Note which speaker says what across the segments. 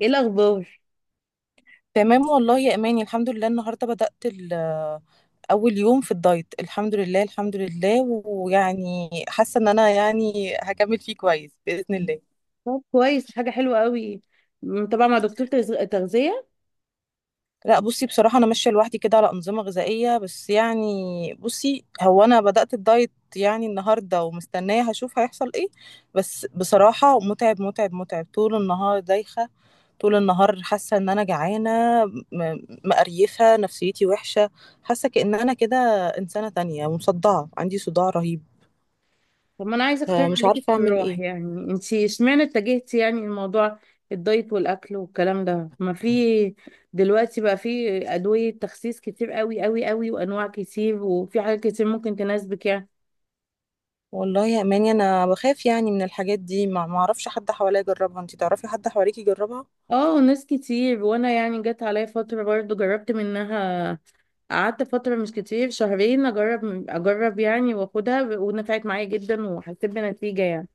Speaker 1: ايه الاخبار؟
Speaker 2: تمام والله يا اماني، الحمد لله. النهارده بدأت اول يوم في الدايت، الحمد لله الحمد لله. ويعني حاسه ان انا يعني هكمل فيه كويس بإذن الله.
Speaker 1: طب كويس، حاجه حلوه قوي. طبعا مع دكتور تغذيه.
Speaker 2: لا بصي، بصراحة أنا ماشية لوحدي كده على أنظمة غذائية، بس يعني بصي، هو أنا بدأت الدايت يعني النهاردة ومستنية هشوف هيحصل إيه. بس بصراحة متعب متعب متعب، طول النهار دايخة، طول النهار حاسة إن أنا جعانة. م- مقريفة، نفسيتي وحشة. حاسة كأن أنا كده إنسانة تانية، ومصدعة، عندي صداع رهيب.
Speaker 1: طب ما انا عايزه اقترح
Speaker 2: آه، مش
Speaker 1: عليكي
Speaker 2: عارفة أعمل
Speaker 1: اقتراح،
Speaker 2: إيه.
Speaker 1: يعني انت اشمعنى اتجهتي يعني الموضوع، الدايت والاكل والكلام ده؟ ما في دلوقتي بقى في ادويه تخسيس كتير، قوي قوي قوي، وانواع كتير، وفي حاجات كتير ممكن تناسبك يعني.
Speaker 2: والله يا أماني أنا بخاف يعني من الحاجات دي، ما معرفش حد حواليا يجربها. أنتي تعرفي حد حواليكي يجربها؟
Speaker 1: اه، ناس كتير، وانا يعني جت عليا فتره برضو جربت منها. قعدت فتره مش كتير، شهرين، اجرب يعني، واخدها، ونفعت معايا جدا، وحسيت بنتيجه يعني.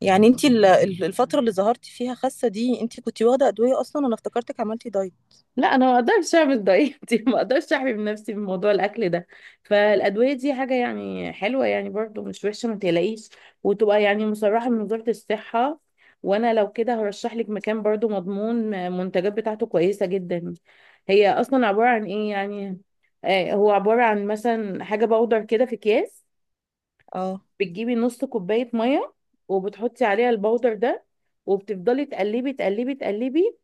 Speaker 2: يعني انت الفترة اللي ظهرتي فيها خاسة دي، انت كنتي واخدة أدوية أصلا؟ أنا افتكرتك عملتي دايت.
Speaker 1: لا، انا ما اقدرش اعمل دايت ما اقدرش احمي من نفسي من موضوع الاكل ده. فالادويه دي حاجه يعني حلوه، يعني برضو مش وحشه، ما تقلقيش. وتبقى يعني مصرحه من وزاره الصحه، وانا لو كده هرشح لك مكان برضو مضمون، المنتجات بتاعته كويسه جدا. هي اصلا عباره عن ايه يعني؟ آه، هو عباره عن مثلا حاجه باودر كده في اكياس.
Speaker 2: اه.
Speaker 1: بتجيبي نص كوباية مية، وبتحطي عليها البودر ده، وبتفضلي تقلبي تقلبي تقلبي،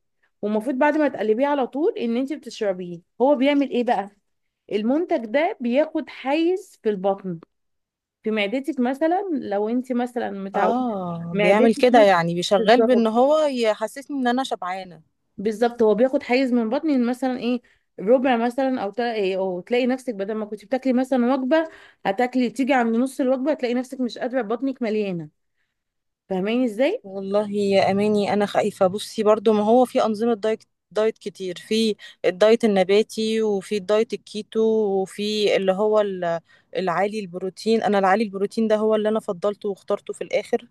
Speaker 1: والمفروض بعد ما تقلبيه على طول ان انت بتشربيه. هو بيعمل ايه بقى؟ المنتج ده بياخد حيز في البطن، في معدتك، مثلا لو انت مثلا متعودة
Speaker 2: اه، بيعمل
Speaker 1: معدتك
Speaker 2: كده
Speaker 1: مثلا.
Speaker 2: يعني، بيشغل بأن
Speaker 1: بالظبط،
Speaker 2: هو يحسسني إن أنا شبعانة.
Speaker 1: بالظبط. هو بياخد حيز من بطني، مثلا ايه، ربع مثلا، او إيه، او تلاقي نفسك بدل ما كنت بتاكلي مثلا وجبه، هتاكلي تيجي عند نص الوجبه هتلاقي نفسك مش قادره، بطنك مليانه. فاهماني ازاي؟
Speaker 2: والله يا أماني أنا خايفة بصي، برضو ما هو في أنظمة دايت، دايت كتير. في الدايت النباتي وفي الدايت الكيتو، وفي اللي هو العالي البروتين. أنا العالي البروتين ده هو اللي أنا فضلته واخترته في الآخر.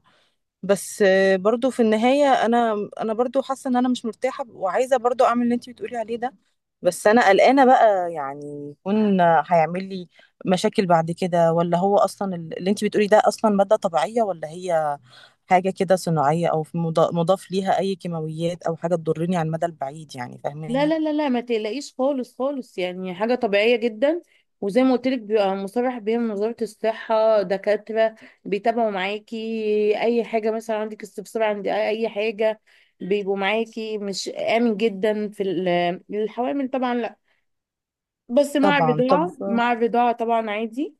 Speaker 2: بس برضو في النهاية أنا برضو حاسة إن أنا مش مرتاحة، وعايزة برضو أعمل اللي أنتي بتقولي عليه ده. بس أنا قلقانة بقى، يعني يكون هيعمل لي مشاكل بعد كده، ولا هو أصلا اللي أنتي بتقولي ده أصلا مادة طبيعية، ولا هي حاجة كده صناعية، أو في مضاف ليها أي كيماويات، أو حاجة تضرني على المدى البعيد يعني؟
Speaker 1: لا
Speaker 2: فاهماني؟
Speaker 1: لا لا لا، ما تقلقيش خالص خالص، يعني حاجة طبيعية جدا. وزي ما قلت لك، بيبقى مصرح بيها من وزارة الصحة، دكاترة بيتابعوا معاكي أي حاجة، مثلا عندك استفسار عند أي حاجة، بيبقوا معاكي. مش آمن جدا في الحوامل طبعا لا، بس مع
Speaker 2: طبعا. طب.
Speaker 1: الرضاعة، مع الرضاعة طبعا عادي.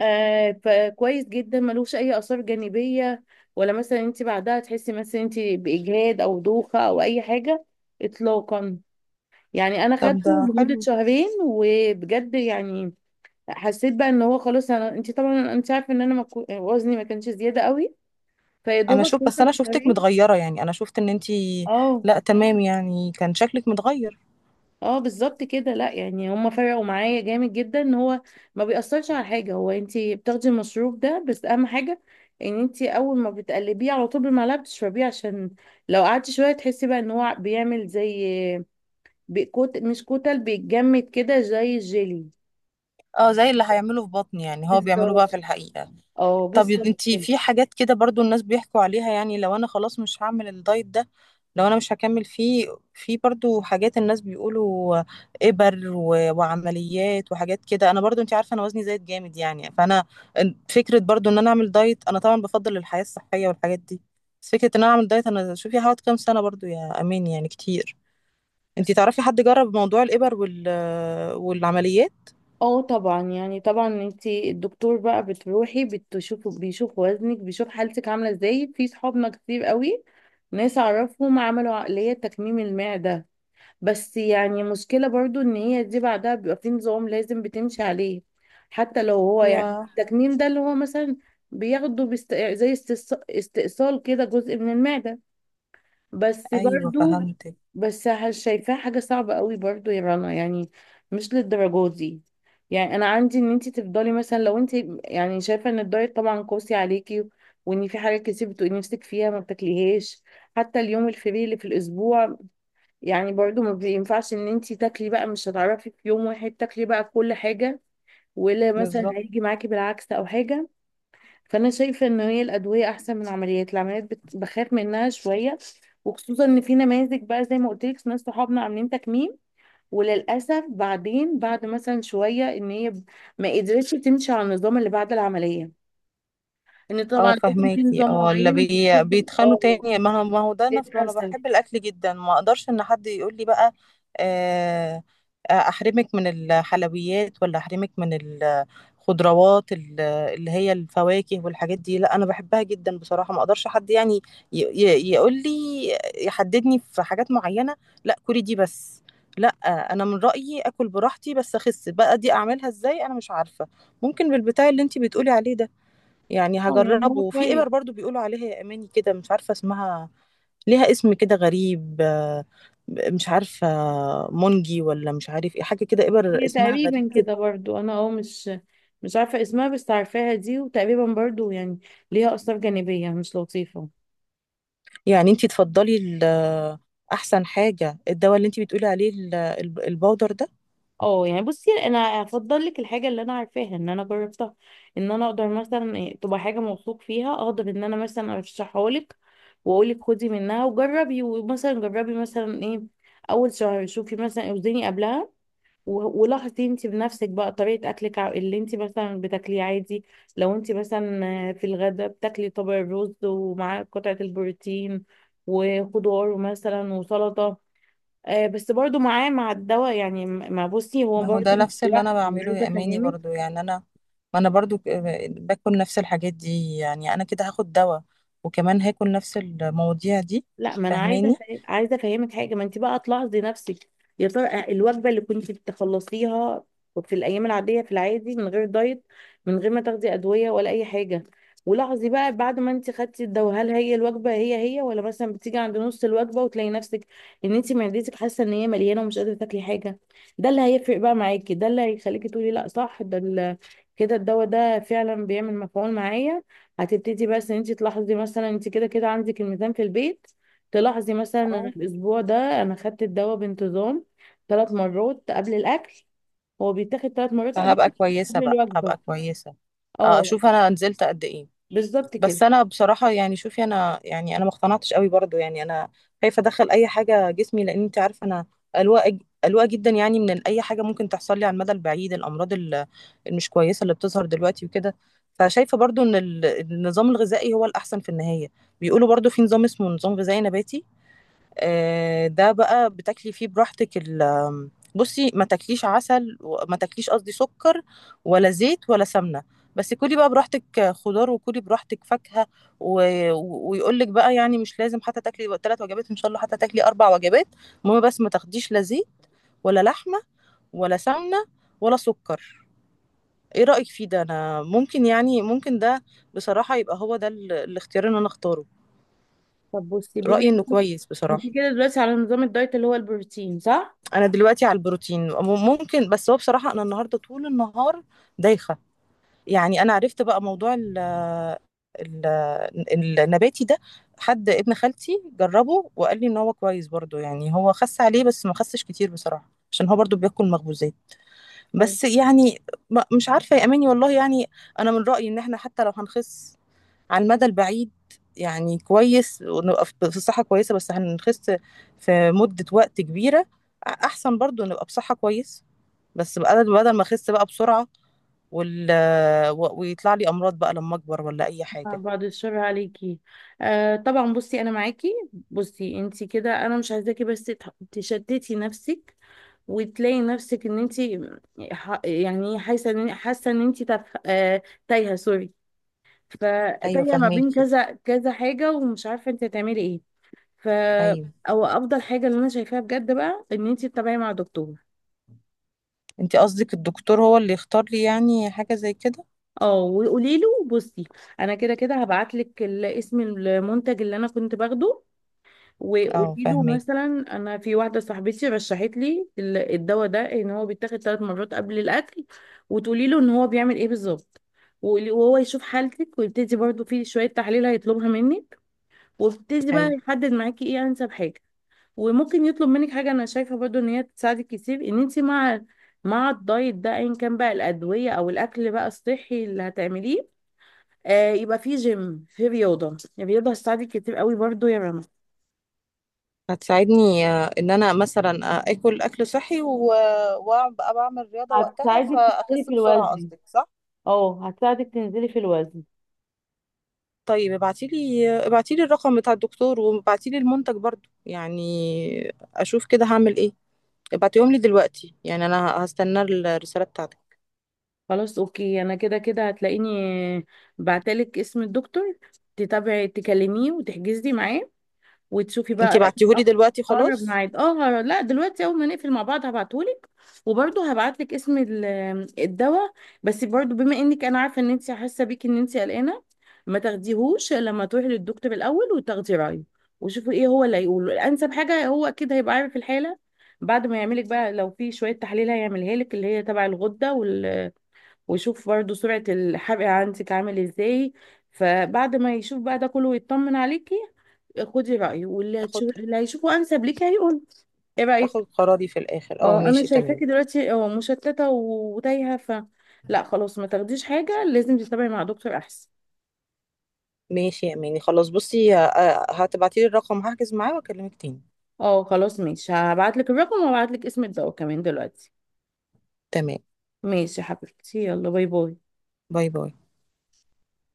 Speaker 1: آه، فكويس جدا، ملوش أي آثار جانبية، ولا مثلا انت بعدها تحسي مثلا انت بإجهاد أو دوخة أو أي حاجة، إطلاقا. يعني انا
Speaker 2: طب
Speaker 1: خدته
Speaker 2: ده
Speaker 1: لمده
Speaker 2: حلو.
Speaker 1: شهرين، وبجد يعني حسيت بقى ان هو خلاص. انا انت طبعا انت عارفه ان انا ما كو- وزني ما كانش زياده قوي، فيا
Speaker 2: أنا
Speaker 1: دوبك
Speaker 2: شوف، بس أنا
Speaker 1: وصل
Speaker 2: شفتك
Speaker 1: شهرين.
Speaker 2: متغيرة يعني، أنا شفت إن أنتي.
Speaker 1: اه.
Speaker 2: لأ تمام يعني، كان شكلك متغير.
Speaker 1: اه بالظبط كده، لا يعني هم فرقوا معايا جامد جدا، ان هو ما بيأثرش على حاجه. هو انت بتاخدي المشروب ده بس، اهم حاجه ان انت اول ما بتقلبيه على طول بالمعلقه بتشربيه، عشان لو قعدتي شويه تحسي بقى ان هو بيعمل زي، كوت مش كتل، بيتجمد كده زي الجيلي.
Speaker 2: اه، زي اللي هيعمله في بطني يعني، هو بيعمله بقى في
Speaker 1: بالظبط،
Speaker 2: الحقيقة.
Speaker 1: اه
Speaker 2: طب
Speaker 1: بالظبط.
Speaker 2: انتي في حاجات كده برضو الناس بيحكوا عليها، يعني لو انا خلاص مش هعمل الدايت ده، لو انا مش هكمل فيه، في برضو حاجات الناس بيقولوا، ابر وعمليات وحاجات كده. انا برضو انتي عارفة انا وزني زايد جامد يعني، فانا فكرة برضو ان انا اعمل دايت. انا طبعا بفضل الحياة الصحية والحاجات دي، بس فكرة ان انا اعمل دايت، انا شوفي، هقعد كام سنة برضو يا امين؟ يعني كتير. انتي
Speaker 1: بس
Speaker 2: تعرفي حد جرب موضوع الابر والعمليات؟
Speaker 1: اه طبعا، يعني طبعا انتي الدكتور بقى بتروحي بتشوفه بيشوف وزنك، بيشوف حالتك عامله ازاي. في صحابنا كتير قوي، ناس اعرفهم عملوا عقليه تكميم المعده، بس يعني مشكله برضو ان هي دي بعدها بيبقى في نظام لازم بتمشي عليه، حتى لو هو يعني
Speaker 2: يا
Speaker 1: التكميم ده اللي هو مثلا بياخده بست... زي استئصال كده جزء من المعده. بس
Speaker 2: ايوه،
Speaker 1: برضو،
Speaker 2: فهمتك.
Speaker 1: بس شايفاها حاجة صعبة قوي برضو يا رنا، يعني مش للدرجة دي. يعني انا عندي ان انت تفضلي مثلا، لو انت يعني شايفة ان الدايت طبعا قاسي عليكي، وان في حاجات كتير بتبقي نفسك فيها ما بتاكليهاش، حتى اليوم الفري اللي في الاسبوع، يعني برضو ما بينفعش ان انت تاكلي بقى، مش هتعرفي في يوم واحد تاكلي بقى كل حاجة، ولا مثلا
Speaker 2: بالظبط.
Speaker 1: هيجي معاكي بالعكس او حاجة. فانا شايفه ان هي الادويه احسن من العمليات. العمليات بخاف منها شويه، وخصوصا ان في نماذج بقى زي ما قلت لك، ناس صحابنا عاملين تكميم، وللاسف بعدين بعد مثلا شويه ان هي ما قدرتش تمشي على النظام اللي بعد العمليه، ان
Speaker 2: اه
Speaker 1: طبعا لازم في
Speaker 2: فهماكي،
Speaker 1: نظام
Speaker 2: اه، اللي
Speaker 1: معين بتفضل،
Speaker 2: بيتخانوا
Speaker 1: اه.
Speaker 2: تاني. ما هو ده نفسه، انا
Speaker 1: للاسف.
Speaker 2: بحب الاكل جدا، ما اقدرش ان حد يقول لي بقى آه، احرمك من الحلويات، ولا احرمك من الخضروات اللي هي الفواكه والحاجات دي. لا انا بحبها جدا بصراحة، ما اقدرش حد يعني يقول لي يحددني في حاجات معينة. لا كلي دي بس. لا. انا من رأيي اكل براحتي، بس اخس بقى دي اعملها ازاي انا مش عارفة. ممكن بالبتاع اللي انتي بتقولي عليه ده، يعني
Speaker 1: اه يعني
Speaker 2: هجربه.
Speaker 1: هو
Speaker 2: وفي
Speaker 1: كويس،
Speaker 2: ابر برضو بيقولوا عليها يا اماني كده، مش عارفه اسمها. ليها اسم كده غريب، مش عارفه، مونجي، ولا مش عارف ايه، حاجه كده، ابر
Speaker 1: هي
Speaker 2: اسمها غريب
Speaker 1: تقريبا
Speaker 2: كده.
Speaker 1: كده برضو، انا اه مش مش عارفه اسمها، بس عارفاها دي، وتقريبا برضو يعني ليها اثار جانبيه مش لطيفه.
Speaker 2: يعني انتي تفضلي احسن حاجه الدواء اللي انتي بتقولي عليه، البودر ده؟
Speaker 1: اه يعني بصي، انا افضل لك الحاجه اللي انا عارفاها ان انا جربتها، ان انا اقدر مثلا إيه، تبقى حاجه موثوق فيها، اقدر ان انا مثلا ارشحها لك، واقول لك خدي منها وجربي، ومثلا جربي مثلا ايه، اول شهر شوفي مثلا اوزني قبلها، ولاحظي انت بنفسك بقى طريقه اكلك، اللي انت مثلا بتاكليه عادي. لو انت مثلا آه، في الغداء بتاكلي طبق الرز، ومعاه قطعه البروتين، وخضار مثلا وسلطه، آه بس برضو معاه مع الدواء يعني. ما بصي، هو
Speaker 2: ما هو
Speaker 1: برضو
Speaker 2: ده
Speaker 1: مش
Speaker 2: نفس اللي انا
Speaker 1: لوحده، أنا
Speaker 2: بعمله
Speaker 1: عايزه
Speaker 2: يا اماني
Speaker 1: افهمك.
Speaker 2: برضو يعني، انا ما انا برضو باكل نفس الحاجات دي يعني. انا كده هاخد دواء، وكمان هاكل نفس المواضيع دي،
Speaker 1: لا، ما انا عايزه
Speaker 2: فاهماني؟
Speaker 1: عايزه افهمك حاجه، ما انت بقى تلاحظي نفسك، يا ترى آه، الوجبه اللي كنت بتخلصيها في الايام العاديه في العادي من غير دايت، من غير ما تاخدي ادويه ولا اي حاجه، ولاحظي بقى بعد ما انت خدتي الدواء، هل هي الوجبه هي هي، ولا مثلا بتيجي عند نص الوجبه وتلاقي نفسك ان انت معدتك حاسه ان هي مليانه ومش قادره تاكلي حاجه. ده اللي هيفرق بقى معاكي، ده اللي هيخليكي تقولي لا صح، ده كده الدواء ده فعلا بيعمل مفعول معايا. هتبتدي بس ان انت تلاحظي، مثلا انت كده كده عندك الميزان في البيت، تلاحظي مثلا انا الاسبوع ده انا خدت الدواء بانتظام، 3 مرات قبل الاكل. هو بيتاخد 3 مرات
Speaker 2: فهبقى
Speaker 1: قبل،
Speaker 2: كويسة
Speaker 1: قبل
Speaker 2: بقى،
Speaker 1: الوجبه.
Speaker 2: هبقى كويسة
Speaker 1: اه
Speaker 2: اشوف انا نزلت قد ايه.
Speaker 1: بالظبط كده.
Speaker 2: بس انا بصراحة يعني، شوفي، انا يعني انا ما اقتنعتش قوي برضو يعني. انا خايفة ادخل اي حاجة جسمي، لان انت عارفة انا قلوقة جدا يعني، من اي حاجة ممكن تحصل لي على المدى البعيد، الامراض المش كويسة اللي بتظهر دلوقتي وكده. فشايفة برضو ان النظام الغذائي هو الاحسن في النهاية. بيقولوا برضو في نظام اسمه نظام غذائي نباتي، آه، ده بقى بتاكلي فيه براحتك. ال آم، بصي، ما تاكليش عسل، وما تاكليش قصدي سكر، ولا زيت ولا سمنة. بس كلي بقى براحتك خضار، وكلي براحتك فاكهة و... ويقولك بقى يعني مش لازم، حتى تاكلي 3 وجبات، ان شاء الله حتى تاكلي 4 وجبات. المهم بس ما تاخديش لا زيت، ولا لحمة، ولا سمنة، ولا سكر. ايه رأيك فيه ده؟ انا ممكن يعني، ممكن ده بصراحة يبقى هو ده الاختيار اللي انا اختاره.
Speaker 1: طب بصي، بما
Speaker 2: رأيي
Speaker 1: انك
Speaker 2: انه كويس
Speaker 1: انت
Speaker 2: بصراحة.
Speaker 1: كده دلوقتي على نظام الدايت اللي هو البروتين، صح؟
Speaker 2: انا دلوقتي على البروتين، ممكن، بس هو بصراحة انا النهاردة طول النهار دايخة. يعني انا عرفت بقى موضوع ال ال النباتي ده. حد ابن خالتي جربه وقال لي ان هو كويس برضو، يعني هو خس عليه بس ما خسش كتير بصراحة، عشان هو برضو بياكل مخبوزات
Speaker 1: اه.
Speaker 2: بس يعني. مش عارفة يا اماني والله يعني. انا من رأيي ان احنا حتى لو هنخس على المدى البعيد، يعني كويس ونبقى في صحة كويسة، بس هنخس في مدة وقت كبيرة. أحسن برضو نبقى بصحة كويسة، بس بدل ما اخس بقى بسرعة، وال... ويطلع لي امراض بقى لما اكبر، ولا اي حاجة.
Speaker 1: بعد الشر عليكي. آه طبعا بصي انا معاكي. بصي انت كده، انا مش عايزاكي بس تشتتي نفسك، وتلاقي نفسك ان انت يعني حاسه ان، حاسه ان انت تف... آه... تايهه، سوري،
Speaker 2: ايوه
Speaker 1: فتايه ما بين
Speaker 2: فهميكي.
Speaker 1: كذا كذا حاجه، ومش عارفه انت هتعملي ايه. ف،
Speaker 2: ايوه.
Speaker 1: او افضل حاجه اللي انا شايفاها بجد بقى، ان انت تتابعي مع دكتور.
Speaker 2: انت قصدك الدكتور هو اللي يختار لي يعني حاجة زي كده؟
Speaker 1: اه، وقولي له بصي، انا كده كده هبعت لك اسم المنتج اللي انا كنت باخده،
Speaker 2: اه
Speaker 1: وقولي له
Speaker 2: فهميكي.
Speaker 1: مثلا انا في واحده صاحبتي رشحت لي الدواء ده، ان هو بيتاخد 3 مرات قبل الاكل، وتقولي له ان هو بيعمل ايه بالظبط، وهو يشوف حالتك، ويبتدي برضو في شويه تحاليل هيطلبها منك، وابتدي بقى
Speaker 2: ايوه.
Speaker 1: يحدد معاكي ايه انسب حاجه. وممكن يطلب منك حاجه انا شايفه برضو ان هي تساعدك كتير، ان انت مع، مع الدايت ده ايا كان بقى الادويه او الاكل بقى الصحي اللي هتعمليه، آه يبقى في جيم، في رياضه. الرياضه هتساعدك كتير قوي برضو يا رنا،
Speaker 2: هتساعدني ان انا مثلا اكل صحي، وابقى بعمل رياضة وقتها،
Speaker 1: هتساعدك تنزلي
Speaker 2: فاخس
Speaker 1: في
Speaker 2: بسرعة
Speaker 1: الوزن.
Speaker 2: قصدك، صح؟
Speaker 1: اه هتساعدك تنزلي في الوزن.
Speaker 2: طيب ابعتيلي، الرقم بتاع الدكتور، وابعتيلي المنتج برضو يعني، اشوف كده هعمل ايه. ابعتيهم لي دلوقتي يعني، انا هستنى الرسالة بتاعتك.
Speaker 1: خلاص اوكي، انا كده كده هتلاقيني بعتلك اسم الدكتور، تتابعي تكلميه وتحجزي معاه، وتشوفي
Speaker 2: انتي
Speaker 1: بقى
Speaker 2: بعتيهولي دلوقتي
Speaker 1: اقرب
Speaker 2: خلاص؟
Speaker 1: ميعاد. اه لا دلوقتي، اول ما نقفل مع بعض هبعتهولك، وبرضه هبعتلك اسم الدواء. بس برضه بما انك، انا عارفه ان انت حاسه بيكي ان انت قلقانه، ما تاخديهوش لما تروحي للدكتور الاول وتاخدي رايه، وشوفي ايه هو اللي هيقوله انسب حاجه. هو اكيد هيبقى عارف الحاله بعد ما يعملك بقى، لو في شويه تحاليل هيعملها لك، اللي هي تبع الغده وال... ويشوف برضه سرعه الحرق عندك عامل ازاي. فبعد ما يشوف بقى ده كله ويطمن عليكي، خدي رأيه، واللي
Speaker 2: اخد
Speaker 1: هتشوف اللي هيشوفه أنسب ليك هيقول. ايه رأيك؟
Speaker 2: اخد قراري في الاخر. اه
Speaker 1: اه انا
Speaker 2: ماشي، تمام.
Speaker 1: شايفاكي دلوقتي اه مشتتة وتايهة، ف لا خلاص، ما تاخديش حاجة، لازم تتابعي مع دكتور أحسن.
Speaker 2: ماشي يا اماني، خلاص بصي، هتبعتيلي الرقم، هحجز معاه واكلمك تاني.
Speaker 1: اه خلاص ماشي، هبعتلك الرقم، وهبعتلك اسم الدواء كمان دلوقتي.
Speaker 2: تمام.
Speaker 1: ماشي يا حبيبتي، يلا باي باي.
Speaker 2: باي باي.